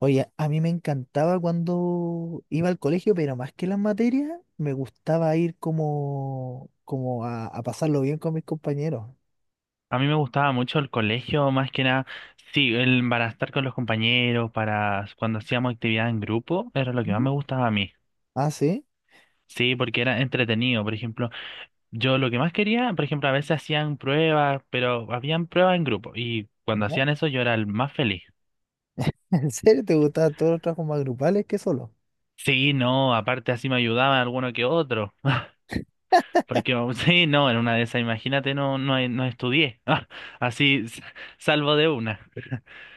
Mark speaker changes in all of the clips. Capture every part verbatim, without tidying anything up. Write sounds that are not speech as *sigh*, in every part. Speaker 1: Oye, a mí me encantaba cuando iba al colegio, pero más que las materias, me gustaba ir como, como a, a pasarlo bien con mis compañeros.
Speaker 2: A mí me gustaba mucho el colegio, más que nada, sí, el, para estar con los compañeros, para cuando hacíamos actividad en grupo, era lo que más
Speaker 1: ¿Mm?
Speaker 2: me gustaba a mí.
Speaker 1: Ah, sí,
Speaker 2: Sí, porque era entretenido, por ejemplo, yo lo que más quería, por ejemplo, a veces hacían pruebas, pero habían pruebas en grupo y cuando
Speaker 1: ¿no?
Speaker 2: hacían eso yo era el más feliz.
Speaker 1: *laughs* ¿En serio te gustaban todos los trabajos más grupales que solo?
Speaker 2: Sí, no, aparte así me ayudaban alguno que otro, *laughs* porque um, sí, no, en una de esas, imagínate, no, no, no estudié, *laughs* así s- salvo de una.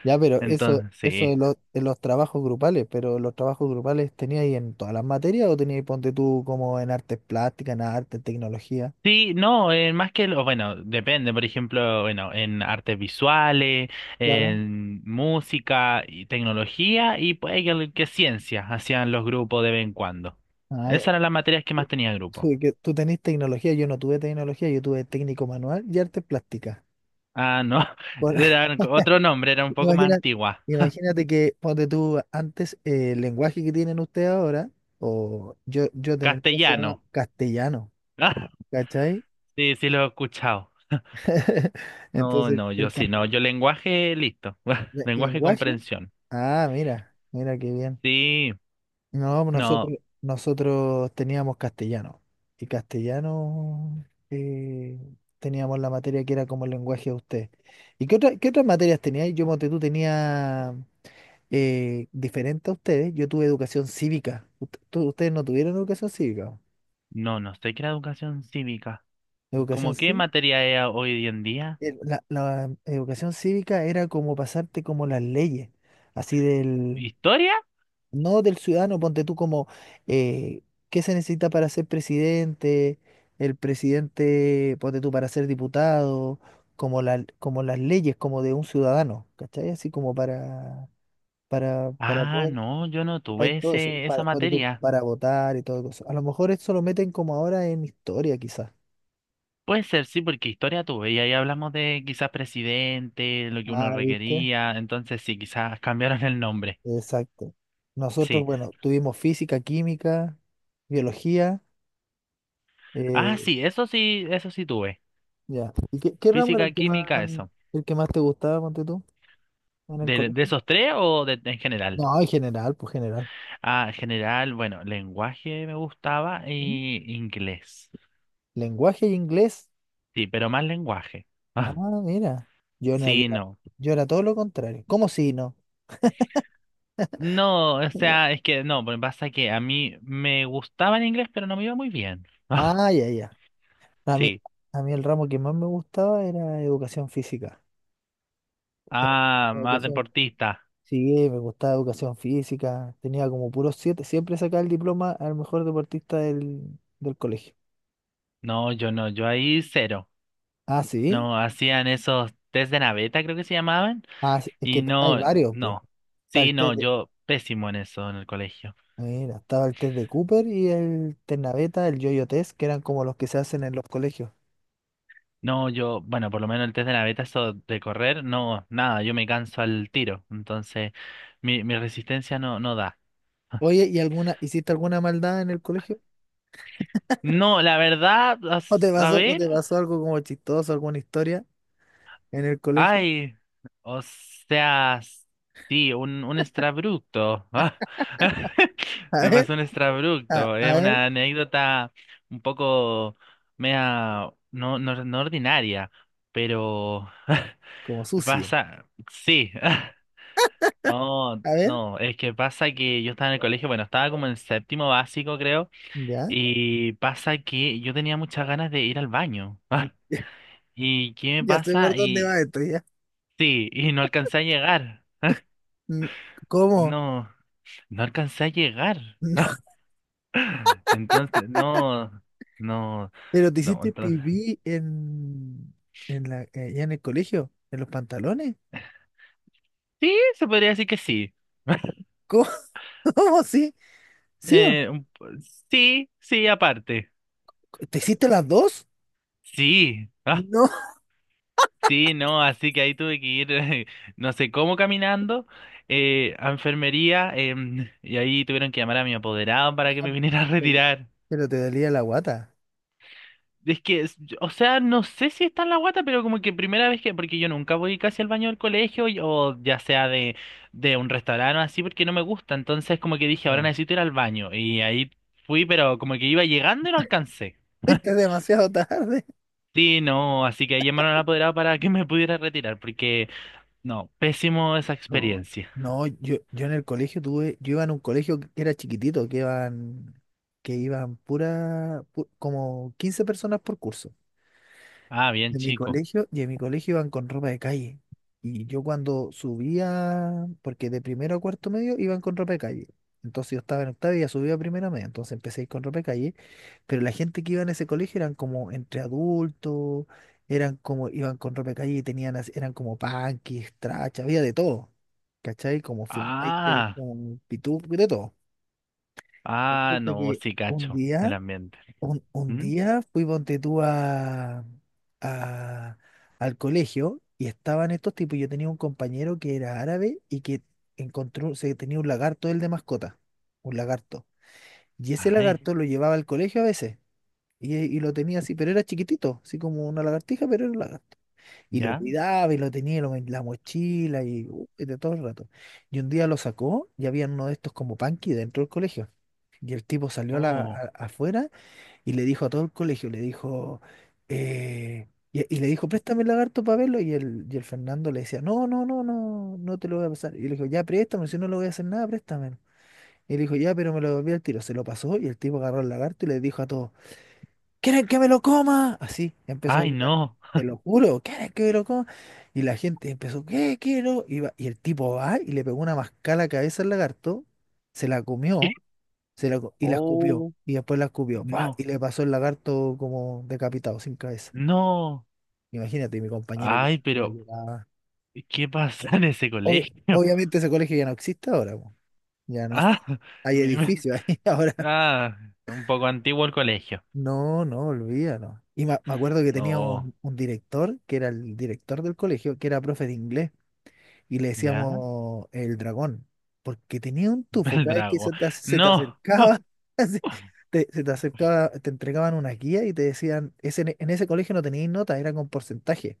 Speaker 1: Ya, pero eso,
Speaker 2: Entonces,
Speaker 1: eso
Speaker 2: sí.
Speaker 1: de los, de los trabajos grupales, pero los trabajos grupales tenías ahí en todas las materias o tenías, ponte tú, como en artes plásticas, ¿en arte, tecnología?
Speaker 2: Sí, no, eh, más que lo, bueno, depende, por ejemplo, bueno, en artes visuales,
Speaker 1: Claro.
Speaker 2: en música y tecnología y puede que, que ciencia hacían los grupos de vez en cuando.
Speaker 1: Ah, ya.
Speaker 2: Esas eran las materias que más
Speaker 1: Tú,
Speaker 2: tenía
Speaker 1: tú
Speaker 2: grupo.
Speaker 1: que- tú tenés tecnología, yo no tuve tecnología, yo tuve técnico manual y artes plásticas.
Speaker 2: Ah, no, *laughs*
Speaker 1: Por,
Speaker 2: era otro nombre, era un poco más
Speaker 1: Imagina-
Speaker 2: antigua.
Speaker 1: imagínate que, ponte tú, antes eh, el lenguaje que tienen ustedes ahora, o yo, yo tenía el mío, se llamaba
Speaker 2: Castellano.
Speaker 1: castellano, ¿cachai?
Speaker 2: *laughs* sí, sí lo he escuchado.
Speaker 1: *laughs*
Speaker 2: No,
Speaker 1: Entonces,
Speaker 2: no, yo
Speaker 1: el, ca-
Speaker 2: sí, no, yo lenguaje, listo. *laughs*
Speaker 1: le-
Speaker 2: Lenguaje
Speaker 1: lenguaje,
Speaker 2: comprensión.
Speaker 1: ah, mira, mira qué bien.
Speaker 2: Sí,
Speaker 1: No,
Speaker 2: no,
Speaker 1: nosotros, nosotros teníamos castellano. Y castellano eh, teníamos la materia que era como el lenguaje de usted. ¿Y qué, otra- qué otras materias teníais? Yo, Monte, tú tenía eh, diferente a ustedes. Yo tuve educación cívica. Ut- tú- ustedes no tuvieron educación cívica.
Speaker 2: no, no sé qué era educación cívica.
Speaker 1: Educación
Speaker 2: ¿Cómo qué
Speaker 1: cívica.
Speaker 2: materia es hoy en día?
Speaker 1: La, la educación cívica era como pasarte como las leyes, así del,
Speaker 2: ¿Historia?
Speaker 1: no del ciudadano, ponte tú como eh, qué se necesita para ser presidente, el presidente, ponte tú para ser diputado, como la, como las leyes, como de un ciudadano, ¿cachai? Así como para, para, para
Speaker 2: Ah,
Speaker 1: poder,
Speaker 2: no, yo no
Speaker 1: para
Speaker 2: tuve
Speaker 1: todo eso,
Speaker 2: ese, esa
Speaker 1: para, ponte tú
Speaker 2: materia.
Speaker 1: para votar y todo eso. A lo mejor esto lo meten como ahora en historia, quizás.
Speaker 2: Puede ser, sí, porque historia tuve y ahí hablamos de quizás presidente, lo que uno
Speaker 1: Ah, ¿viste?
Speaker 2: requería, entonces sí, quizás *laughs* cambiaron el nombre.
Speaker 1: Exacto. Nosotros,
Speaker 2: Sí.
Speaker 1: bueno, tuvimos física, química, biología.
Speaker 2: Ah,
Speaker 1: eh,
Speaker 2: sí, eso sí, eso sí tuve.
Speaker 1: Ya. ¿Y qué, qué ramo era
Speaker 2: Física,
Speaker 1: el que más,
Speaker 2: química, eso.
Speaker 1: el que más te gustaba, ponte tú, en el
Speaker 2: ¿De, de
Speaker 1: colegio?
Speaker 2: esos tres o de, en general?
Speaker 1: No, en general, pues general.
Speaker 2: Ah, en general, bueno, lenguaje me gustaba
Speaker 1: ¿Mm?
Speaker 2: y inglés.
Speaker 1: Lenguaje y inglés.
Speaker 2: Sí, pero más lenguaje. *laughs*
Speaker 1: Ah,
Speaker 2: Ah,
Speaker 1: mira. Yo no, yo
Speaker 2: sí,
Speaker 1: era,
Speaker 2: no.
Speaker 1: yo era todo lo contrario. ¿Cómo si no?
Speaker 2: No, o sea, es que no, porque pasa que a mí me gustaba el inglés, pero no me iba muy bien. *laughs*
Speaker 1: Ah, ya, ya. A mí,
Speaker 2: Sí.
Speaker 1: a mí el ramo que más me gustaba era educación física. Eh,
Speaker 2: Ah, más
Speaker 1: Educación,
Speaker 2: deportista.
Speaker 1: sí, me gustaba educación física. Tenía como puros siete. Siempre sacaba el diploma al mejor deportista del, del colegio.
Speaker 2: No, yo no, yo ahí cero.
Speaker 1: Ah, sí.
Speaker 2: No, hacían esos test de naveta, creo que se llamaban,
Speaker 1: Ah, sí. Es
Speaker 2: y
Speaker 1: que hay
Speaker 2: no,
Speaker 1: varios, pues.
Speaker 2: no. Sí, no, yo pésimo en eso en el colegio.
Speaker 1: Mira, estaba el test de Cooper y el test naveta, el yo-yo test, que eran como los que se hacen en los colegios.
Speaker 2: No, yo, bueno, por lo menos el test de naveta, eso de correr, no, nada, yo me canso al tiro. Entonces, mi, mi resistencia no, no da.
Speaker 1: Oye, ¿y alguna, hiciste alguna maldad en el colegio?
Speaker 2: No, la verdad,
Speaker 1: ¿O
Speaker 2: as-
Speaker 1: te
Speaker 2: a
Speaker 1: pasó, o te
Speaker 2: ver.
Speaker 1: pasó algo como chistoso, alguna historia en el colegio?
Speaker 2: Ay, o sea, sí, un, un extrabructo. Ah, *laughs*
Speaker 1: *laughs* A
Speaker 2: me
Speaker 1: ver,
Speaker 2: pasó un
Speaker 1: a,
Speaker 2: extrabructo.
Speaker 1: a
Speaker 2: Es
Speaker 1: ver,
Speaker 2: una anécdota un poco mea, no, no, no ordinaria, pero *laughs*
Speaker 1: como sucia.
Speaker 2: pasa, sí. *laughs* No,
Speaker 1: A ver,
Speaker 2: no, es que pasa que yo estaba en el colegio, bueno, estaba como en séptimo básico, creo,
Speaker 1: ya,
Speaker 2: y pasa que yo tenía muchas ganas de ir al baño.
Speaker 1: *laughs*
Speaker 2: *laughs* ¿Y qué me
Speaker 1: ya sé por
Speaker 2: pasa?
Speaker 1: dónde va
Speaker 2: Y
Speaker 1: esto, ya.
Speaker 2: sí, y no alcancé a llegar.
Speaker 1: Mm. ¿Cómo?
Speaker 2: No, no alcancé a llegar.
Speaker 1: *laughs*
Speaker 2: *laughs* Entonces, no, no,
Speaker 1: ¿Pero te
Speaker 2: no,
Speaker 1: hiciste
Speaker 2: entonces.
Speaker 1: pipí en, en la, eh, ya en el colegio? ¿En los pantalones?
Speaker 2: Sí, se podría decir que sí. *laughs*
Speaker 1: ¿Cómo? *laughs* ¿Cómo? ¿Sí? ¿Sí o no?
Speaker 2: Eh, un po- sí, sí, aparte.
Speaker 1: ¿Te hiciste las dos?
Speaker 2: Sí, ah,
Speaker 1: No.
Speaker 2: sí, no, así que ahí tuve que ir, *laughs* no sé cómo caminando, eh, a enfermería, em, y ahí tuvieron que llamar a mi apoderado para que me
Speaker 1: *laughs*
Speaker 2: viniera a retirar.
Speaker 1: Pero te dolía la guata.
Speaker 2: Es que, es- o sea, no sé si está en la guata, pero como que primera vez que, porque yo nunca voy casi al baño del colegio y- o ya sea de, de un restaurante o así, porque no me gusta. Entonces como que dije, ahora
Speaker 1: Ya.
Speaker 2: necesito ir al baño. Y ahí fui, pero como que iba llegando y no alcancé.
Speaker 1: Fuiste demasiado tarde.
Speaker 2: Sí, no, así que ahí llamaron al apoderado para que me pudiera retirar, porque no, pésimo esa
Speaker 1: Oh,
Speaker 2: experiencia.
Speaker 1: no, yo, yo en el colegio tuve, yo iba en un colegio que era chiquitito, que iban, que iban pura, pu- como quince personas por curso
Speaker 2: Ah, bien,
Speaker 1: de mi
Speaker 2: chico.
Speaker 1: colegio, y en mi colegio iban con ropa de calle. Y yo cuando subía, porque de primero a cuarto medio iban con ropa de calle. Entonces yo estaba en octavo y ya subía a primero medio, entonces empecé a ir con ropa de calle, pero la gente que iba en ese colegio eran como entre adultos, eran como, iban con ropa de calle y tenían, as- eran como punkis, trachas, había de todo, ¿cachai? Como flaites,
Speaker 2: Ah,
Speaker 1: como pitú, de todo.
Speaker 2: ah,
Speaker 1: Resulta
Speaker 2: no,
Speaker 1: que
Speaker 2: sí,
Speaker 1: un
Speaker 2: cacho,
Speaker 1: día,
Speaker 2: el ambiente.
Speaker 1: un, un
Speaker 2: ¿Mm?
Speaker 1: día fui ponte tú a, a- al colegio y estaban estos tipos, yo tenía un compañero que era árabe y que encontró, se tenía un lagarto él de mascota, un lagarto. Y ese
Speaker 2: Ay,
Speaker 1: lagarto lo llevaba al colegio a veces. Y, y lo tenía así, pero era chiquitito, así como una lagartija, pero era un lagarto. Y lo
Speaker 2: ya.
Speaker 1: cuidaba y lo tenía lo- en la mochila y, uh, y de todo el rato. Y un día lo sacó y había uno de estos como panqui dentro del colegio. Y el tipo salió a la-
Speaker 2: Oh,
Speaker 1: a- afuera y le dijo a todo el colegio, le dijo, eh, y, y le dijo, préstame el lagarto para verlo. Y el, y el Fernando le decía, no, no, no, no, no te lo voy a pasar. Y le dijo, ya, préstame, si no le voy a hacer nada, préstame. Y le dijo, ya, pero me lo devolví al tiro. Se lo pasó y el tipo agarró el lagarto y le dijo a todos, ¿quieren que me lo coma? Así empezó a
Speaker 2: ay,
Speaker 1: gritar,
Speaker 2: no.
Speaker 1: te lo juro, ¿quieren que me lo coma? Y la gente empezó, ¿qué quiero? Y, va- y el tipo va y le pegó una mascada a la cabeza al lagarto, se la comió,
Speaker 2: *laughs*
Speaker 1: se la, co- y la escupió,
Speaker 2: Oh.
Speaker 1: y después la escupió, ¡pua!, y
Speaker 2: No,
Speaker 1: le pasó el lagarto como decapitado, sin cabeza.
Speaker 2: no.
Speaker 1: Imagínate, mi compañero
Speaker 2: Ay,
Speaker 1: lloraba,
Speaker 2: pero
Speaker 1: lloraba.
Speaker 2: ¿qué pasa en ese
Speaker 1: Obvi-
Speaker 2: colegio? *laughs*
Speaker 1: obviamente ese colegio ya no existe ahora, po. Ya no,
Speaker 2: Ah,
Speaker 1: *laughs* hay
Speaker 2: me- me-
Speaker 1: edificios ahí *laughs* ahora.
Speaker 2: ah, un poco antiguo el colegio.
Speaker 1: No, no, olvídalo. Y me, me acuerdo que tenía
Speaker 2: Oh,
Speaker 1: un, un director, que era el director del colegio, que era profe de inglés, y le
Speaker 2: ya,
Speaker 1: decíamos el dragón, porque tenía un
Speaker 2: *laughs*
Speaker 1: tufo,
Speaker 2: el
Speaker 1: cada vez que
Speaker 2: drago.
Speaker 1: se te, ac- se te
Speaker 2: No. Oh,
Speaker 1: acercaba, *laughs* así, te- se te acercaba, te entregaban una guía y te decían, ese, en ese colegio no tenías nota, era con porcentaje.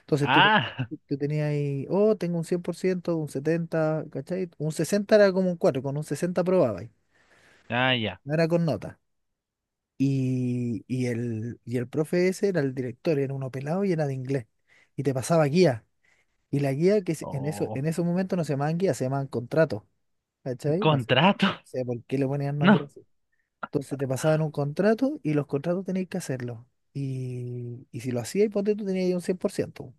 Speaker 1: Entonces tú, te-
Speaker 2: ah,
Speaker 1: tú tenías ahí, oh, tengo un cien por ciento, un setenta, ¿cachai? Un sesenta era como un cuatro, con un sesenta probabas,
Speaker 2: ah, ya.
Speaker 1: no era con nota. Y, y el, y el profe ese era el director, era uno pelado y era de inglés. Y te pasaba guía. Y la guía que se- en eso,
Speaker 2: Oh,
Speaker 1: en esos momentos no se llamaban guía, se llamaban contratos. ¿Cachai? No sé, no
Speaker 2: contrato.
Speaker 1: sé por qué le ponían nombre
Speaker 2: No.
Speaker 1: así. Entonces te pasaban un contrato y los contratos tenías que hacerlo. Y, y si lo hacías, ponte tú tenías ahí un cien por ciento.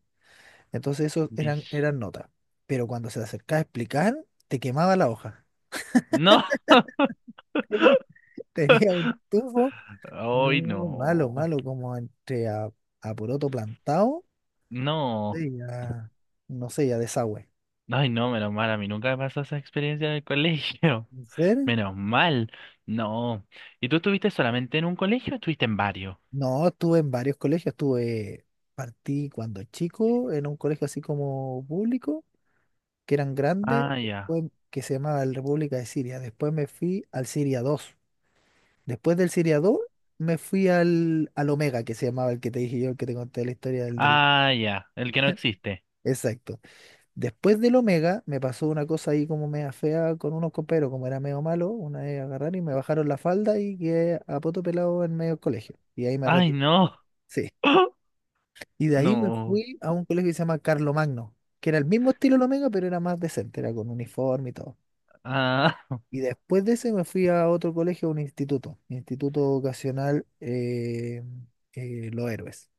Speaker 1: Entonces eso eran,
Speaker 2: mis-
Speaker 1: eran notas. Pero cuando se acercaba a explicar, te quemaba la hoja.
Speaker 2: No.
Speaker 1: *laughs* Tenía, Tenía un tufo.
Speaker 2: Ay,
Speaker 1: No, malo,
Speaker 2: no.
Speaker 1: malo, como entre a, a poroto plantado,
Speaker 2: No.
Speaker 1: sí, ya, no sé, ya desagüe.
Speaker 2: Ay, no, menos mal. A mí nunca me pasó esa experiencia en el colegio.
Speaker 1: ¿En
Speaker 2: *laughs*
Speaker 1: serio?
Speaker 2: Menos mal. No. ¿Y tú estuviste solamente en un colegio o estuviste en varios?
Speaker 1: No, estuve en varios colegios, estuve, partí cuando chico en un colegio así como público, que eran grandes,
Speaker 2: Ah, ya.
Speaker 1: después, que se llamaba el República de Siria, después me fui al Siria dos, después del Siria dos me fui al, al Omega, que se llamaba el que te dije yo, el que te conté la historia del, del...
Speaker 2: Ah, ya, el que no existe.
Speaker 1: Exacto. Después del Omega me pasó una cosa ahí como media fea con unos coperos, como era medio malo, una vez agarraron y me bajaron la falda y quedé a poto pelado en medio del colegio. Y ahí me
Speaker 2: Ay,
Speaker 1: retiré.
Speaker 2: no.
Speaker 1: Sí.
Speaker 2: *gasps*
Speaker 1: Y de ahí me
Speaker 2: No.
Speaker 1: fui a un colegio que se llama Carlo Magno, que era el mismo estilo del Omega, pero era más decente, era con uniforme y todo.
Speaker 2: Ah,
Speaker 1: Y después de ese me fui a otro colegio, a un instituto, Instituto Vocacional eh, eh, Los Héroes.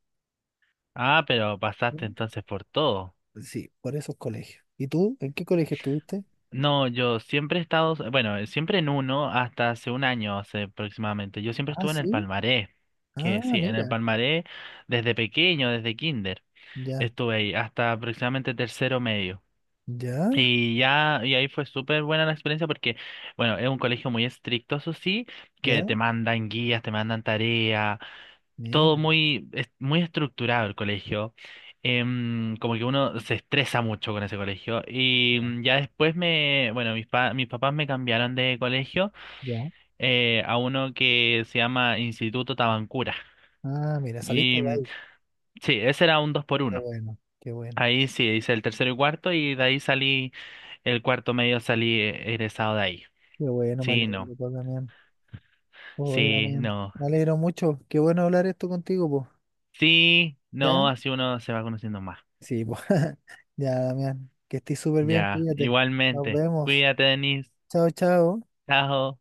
Speaker 2: *laughs* ah, pero pasaste
Speaker 1: ¿Mm?
Speaker 2: entonces por todo.
Speaker 1: Sí, por esos colegios. ¿Y tú? ¿En qué colegio estuviste?
Speaker 2: No, yo siempre he estado, bueno, siempre en uno hasta hace un año, hace aproximadamente. Yo siempre
Speaker 1: Ah,
Speaker 2: estuve en el
Speaker 1: sí.
Speaker 2: Palmaré,
Speaker 1: Ah,
Speaker 2: que sí, en el
Speaker 1: mira,
Speaker 2: Palmaré desde pequeño, desde kinder.
Speaker 1: ya,
Speaker 2: Estuve ahí hasta aproximadamente tercero medio.
Speaker 1: ya.
Speaker 2: Y ya, y ahí fue súper buena la experiencia porque, bueno, es un colegio muy estricto, eso sí,
Speaker 1: ¿Ya?
Speaker 2: que te mandan guías, te mandan tareas. Todo
Speaker 1: Mira,
Speaker 2: muy, es- muy estructurado el colegio. Em, como que uno se estresa mucho con ese colegio. Y
Speaker 1: ya,
Speaker 2: mm, ya después me, bueno, mis, pa- mis papás me cambiaron de colegio
Speaker 1: ya.
Speaker 2: eh, a uno que se llama Instituto Tabancura.
Speaker 1: Ah, mira, saliste
Speaker 2: Y
Speaker 1: de
Speaker 2: mm,
Speaker 1: ahí.
Speaker 2: sí, ese era un dos por
Speaker 1: Qué
Speaker 2: uno.
Speaker 1: bueno, qué bueno,
Speaker 2: Ahí sí, hice el tercero y cuarto y de ahí salí, el cuarto medio salí eh, egresado de ahí.
Speaker 1: qué bueno, me
Speaker 2: Sí, no.
Speaker 1: alegro, pues, Damián. Oye,
Speaker 2: Sí,
Speaker 1: Damián,
Speaker 2: no.
Speaker 1: me alegro mucho. Qué bueno hablar esto contigo, pues.
Speaker 2: Sí,
Speaker 1: ¿Ya?
Speaker 2: no, así uno se va conociendo más.
Speaker 1: Sí, pues. *laughs* Ya, Damián, que estés súper bien,
Speaker 2: Ya,
Speaker 1: cuídate. Nos
Speaker 2: igualmente.
Speaker 1: vemos.
Speaker 2: Cuídate, Denise.
Speaker 1: Chao, chao.
Speaker 2: Chao.